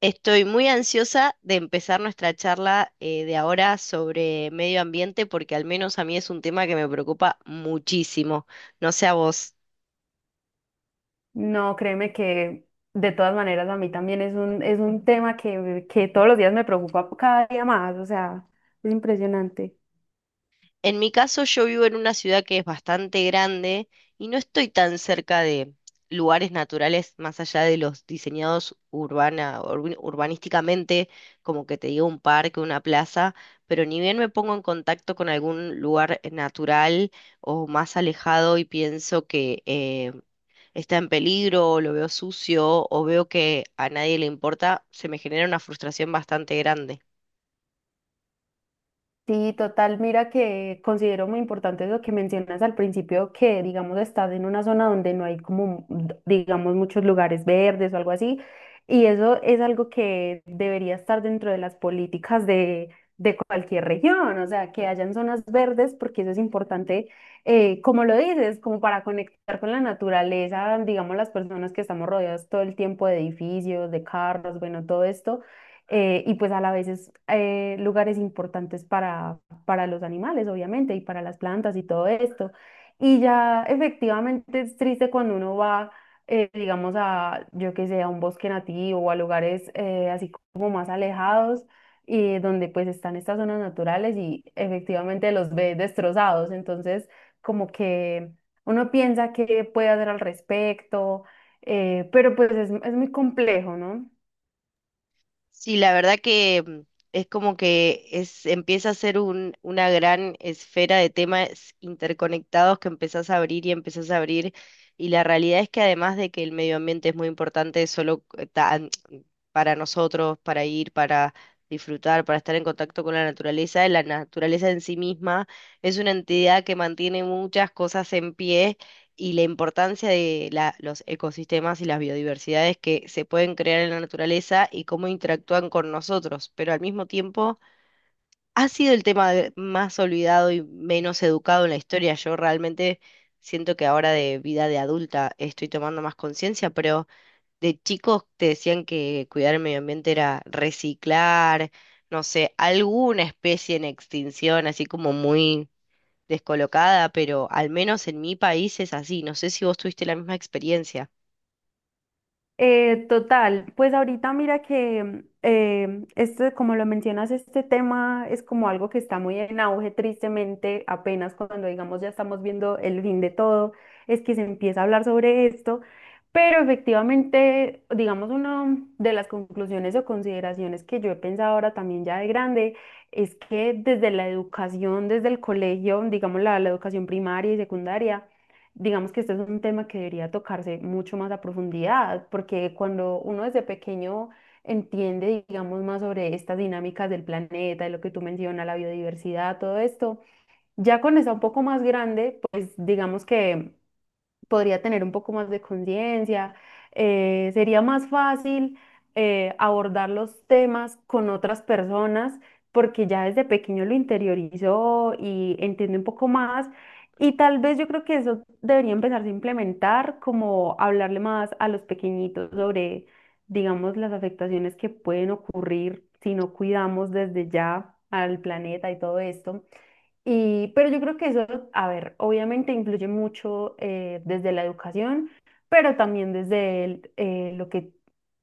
Estoy muy ansiosa de empezar nuestra charla de ahora sobre medio ambiente porque al menos a mí es un tema que me preocupa muchísimo. No sé a vos. No, créeme que de todas maneras a mí también es un tema que todos los días me preocupa cada día más, o sea, es impresionante. En mi caso, yo vivo en una ciudad que es bastante grande y no estoy tan cerca de lugares naturales más allá de los diseñados urbanísticamente, como que te digo un parque, una plaza, pero ni bien me pongo en contacto con algún lugar natural o más alejado y pienso que está en peligro, o lo veo sucio, o veo que a nadie le importa, se me genera una frustración bastante grande. Sí, total. Mira que considero muy importante lo que mencionas al principio, que digamos estás en una zona donde no hay como, digamos, muchos lugares verdes o algo así. Y eso es algo que debería estar dentro de las políticas de cualquier región, o sea, que hayan zonas verdes, porque eso es importante, como lo dices, como para conectar con la naturaleza, digamos, las personas que estamos rodeadas todo el tiempo de edificios, de carros, bueno, todo esto y pues a la vez es lugares importantes para los animales, obviamente, y para las plantas y todo esto. Y ya efectivamente es triste cuando uno va, digamos, a, yo qué sé, a un bosque nativo o a lugares así como más alejados, y donde pues están estas zonas naturales y efectivamente los ve destrozados. Entonces, como que uno piensa qué puede hacer al respecto, pero pues es muy complejo, ¿no? Sí, la verdad que es como que es, empieza a ser una gran esfera de temas interconectados que empezás a abrir y empezás a abrir. Y la realidad es que además de que el medio ambiente es muy importante solo para nosotros, para ir, para disfrutar, para estar en contacto con la naturaleza en sí misma es una entidad que mantiene muchas cosas en pie y la importancia de los ecosistemas y las biodiversidades que se pueden crear en la naturaleza y cómo interactúan con nosotros, pero al mismo tiempo ha sido el tema más olvidado y menos educado en la historia. Yo realmente siento que ahora de vida de adulta estoy tomando más conciencia, pero de chicos te decían que cuidar el medio ambiente era reciclar, no sé, alguna especie en extinción, así como muy descolocada, pero al menos en mi país es así. No sé si vos tuviste la misma experiencia. Total, pues ahorita mira que este, como lo mencionas, este tema es como algo que está muy en auge, tristemente, apenas cuando digamos ya estamos viendo el fin de todo, es que se empieza a hablar sobre esto, pero efectivamente, digamos, una de las conclusiones o consideraciones que yo he pensado ahora también ya de grande es que desde la educación, desde el colegio, digamos la educación primaria y secundaria, digamos que este es un tema que debería tocarse mucho más a profundidad, porque cuando uno desde pequeño entiende, digamos, más sobre estas dinámicas del planeta, de lo que tú mencionas, la biodiversidad, todo esto, ya con esa un poco más grande, pues digamos que podría tener un poco más de conciencia, sería más fácil abordar los temas con otras personas porque ya desde pequeño lo interiorizó y entiende un poco más. Y tal vez yo creo que eso debería empezarse a implementar, como hablarle más a los pequeñitos sobre, digamos, las afectaciones que pueden ocurrir si no cuidamos desde ya al planeta y todo esto. Y, pero yo creo que eso, a ver, obviamente influye mucho desde la educación, pero también desde el, lo que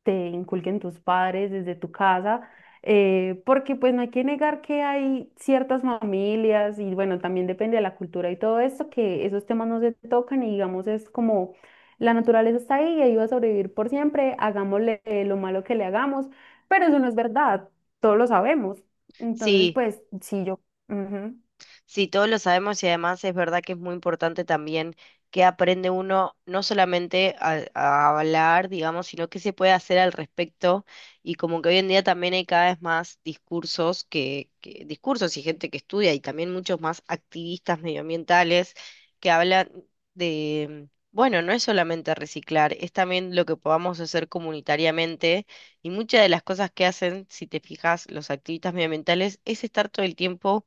te inculquen tus padres, desde tu casa, porque pues no hay que negar que hay ciertas familias y bueno, también depende de la cultura y todo esto, que esos temas no se tocan y digamos es como la naturaleza está ahí y ahí va a sobrevivir por siempre, hagámosle lo malo que le hagamos, pero eso no es verdad, todos lo sabemos. Entonces, Sí, pues sí, yo... ujú. Sí, todos lo sabemos y además es verdad que es muy importante también que aprende uno no solamente a hablar, digamos, sino que se puede hacer al respecto, y como que hoy en día también hay cada vez más discursos discursos y gente que estudia y también muchos más activistas medioambientales que hablan de, bueno, no es solamente reciclar, es también lo que podamos hacer comunitariamente. Y muchas de las cosas que hacen, si te fijas, los activistas medioambientales es estar todo el tiempo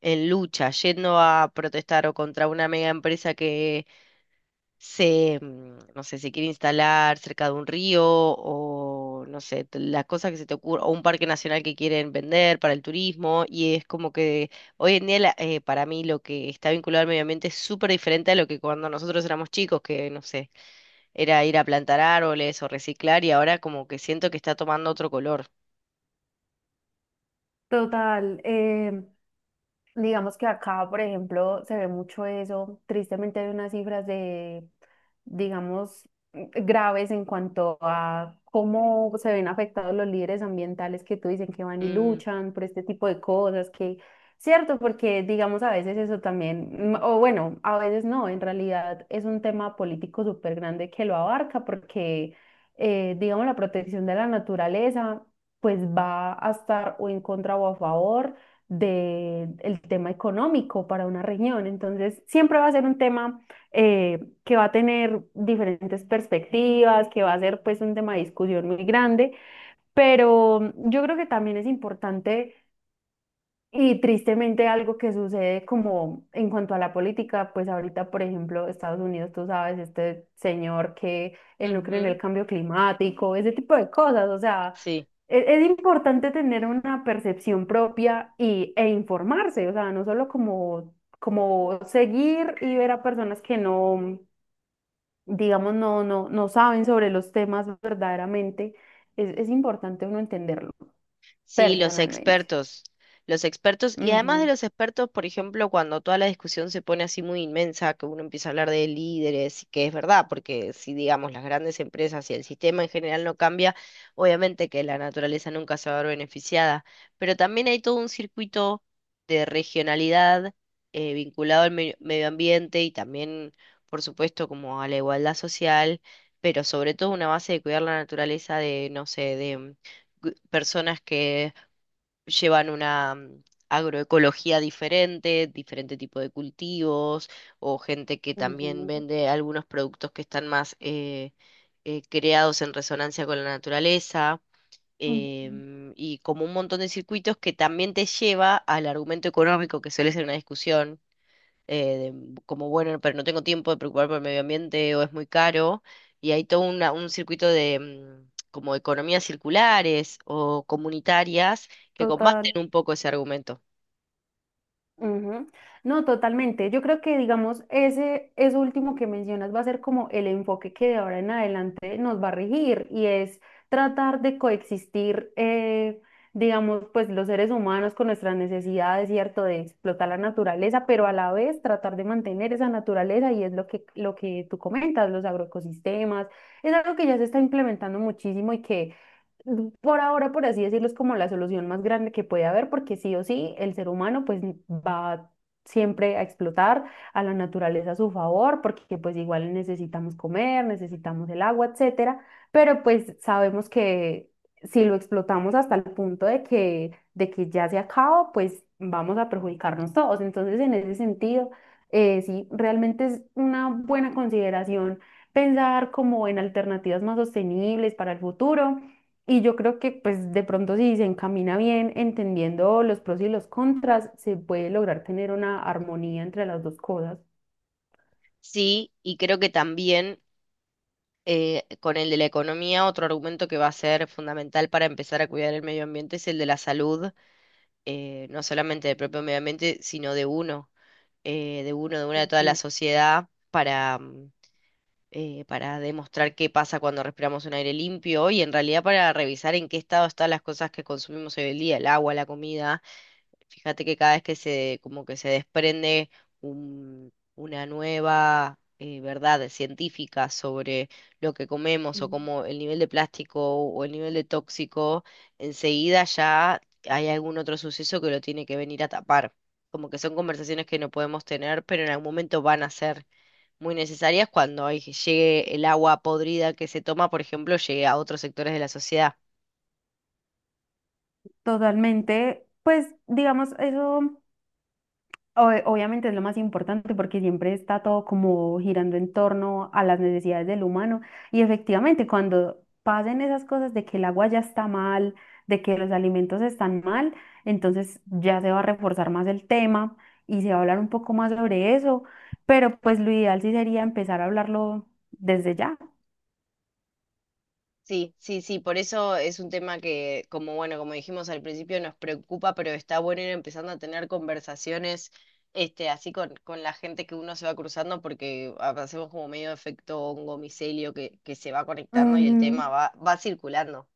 en lucha, yendo a protestar o contra una mega empresa que se, no sé, se quiere instalar cerca de un río o, no sé, las cosas que se te ocurren, o un parque nacional que quieren vender para el turismo. Y es como que hoy en día para mí lo que está vinculado al medio ambiente es súper diferente a lo que cuando nosotros éramos chicos, que, no sé, era ir a plantar árboles o reciclar, y ahora como que siento que está tomando otro color. Total. Digamos que acá, por ejemplo, se ve mucho eso. Tristemente hay unas cifras de, digamos, graves en cuanto a cómo se ven afectados los líderes ambientales que tú dicen que van y Mm, luchan por este tipo de cosas, que, cierto, porque digamos a veces eso también, o bueno, a veces no, en realidad es un tema político súper grande que lo abarca porque, digamos, la protección de la naturaleza pues va a estar o en contra o a favor del tema económico para una región. Entonces, siempre va a ser un tema que va a tener diferentes perspectivas, que va a ser pues un tema de discusión muy grande, pero yo creo que también es importante y tristemente algo que sucede como en cuanto a la política, pues ahorita, por ejemplo, Estados Unidos, tú sabes, este señor que él no cree en ujú. el cambio climático, ese tipo de cosas, o sea, Sí. Es, importante tener una percepción propia y, e informarse, o sea, no solo como, como seguir y ver a personas que no, digamos, no saben sobre los temas verdaderamente, es importante uno entenderlo Sí, personalmente. Los expertos, y además de Ujú. los expertos, por ejemplo, cuando toda la discusión se pone así muy inmensa, que uno empieza a hablar de líderes, y que es verdad, porque si digamos las grandes empresas y el sistema en general no cambia, obviamente que la naturaleza nunca se va a ver beneficiada, pero también hay todo un circuito de regionalidad vinculado al medio ambiente y también, por supuesto, como a la igualdad social, pero sobre todo una base de cuidar la naturaleza de, no sé, de personas que llevan una agroecología diferente, diferente tipo de cultivos, o gente que también Ujú. vende algunos productos que están más creados en resonancia con la naturaleza. Ujú. Y como un montón de circuitos que también te lleva al argumento económico que suele ser una discusión como bueno, pero no tengo tiempo de preocuparme por el medio ambiente o es muy caro, y hay un circuito de como economías circulares o comunitarias que Total. combaten un poco ese argumento. Ujú. No, totalmente. Yo creo que, digamos, ese, eso último que mencionas va a ser como el enfoque que de ahora en adelante nos va a regir y es tratar de coexistir, digamos, pues los seres humanos con nuestras necesidades, ¿cierto? De explotar la naturaleza, pero a la vez tratar de mantener esa naturaleza y es lo que tú comentas, los agroecosistemas. Es algo que ya se está implementando muchísimo y que por ahora, por así decirlo, es como la solución más grande que puede haber, porque sí o sí, el ser humano pues va siempre a explotar a la naturaleza a su favor, porque pues igual necesitamos comer, necesitamos el agua, etcétera, pero pues sabemos que si lo explotamos hasta el punto de que ya se acaba, pues vamos a perjudicarnos todos. Entonces, en ese sentido, sí, realmente es una buena consideración pensar como en alternativas más sostenibles para el futuro y yo creo que pues de pronto si se encamina bien entendiendo los pros y los contras, se puede lograr tener una armonía entre las dos cosas. Sí, y creo que también con el de la economía, otro argumento que va a ser fundamental para empezar a cuidar el medio ambiente es el de la salud, no solamente del propio medio ambiente, sino de uno, de una de toda la Ujú, sociedad, para demostrar qué pasa cuando respiramos un aire limpio y en realidad para revisar en qué estado están las cosas que consumimos hoy en día, el agua, la comida. Fíjate que cada vez que se, como que se desprende una nueva verdad científica sobre lo que comemos o ujú. como el nivel de plástico o el nivel de tóxico, enseguida ya hay algún otro suceso que lo tiene que venir a tapar. Como que son conversaciones que no podemos tener, pero en algún momento van a ser muy necesarias cuando llegue el agua podrida que se toma, por ejemplo, llegue a otros sectores de la sociedad. Totalmente, pues digamos eso, obviamente es lo más importante porque siempre está todo como girando en torno a las necesidades del humano y efectivamente cuando pasen esas cosas de que el agua ya está mal, de que los alimentos están mal, entonces ya se va a reforzar más el tema y se va a hablar un poco más sobre eso, pero pues lo ideal sí sería empezar a hablarlo desde ya. Sí, sí, sí, por eso es un tema que, como bueno, como dijimos al principio, nos preocupa, pero está bueno ir empezando a tener conversaciones, este, así con la gente que uno se va cruzando, porque hacemos como medio efecto hongo micelio que se va conectando y el Ujú. tema va, va circulando.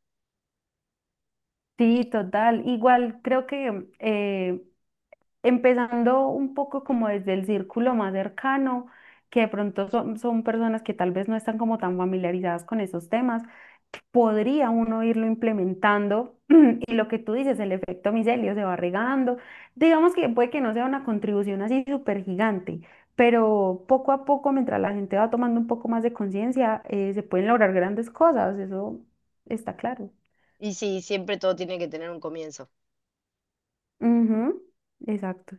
Sí, total. Igual creo que empezando un poco como desde el círculo más cercano, que de pronto son, son personas que tal vez no están como tan familiarizadas con esos temas, podría uno irlo implementando y lo que tú dices, el efecto micelio se va regando. Digamos que puede que no sea una contribución así súper gigante, pero poco a poco, mientras la gente va tomando un poco más de conciencia, se pueden lograr grandes cosas, eso está claro. Y sí, siempre todo tiene que tener un comienzo. Ujú, exacto.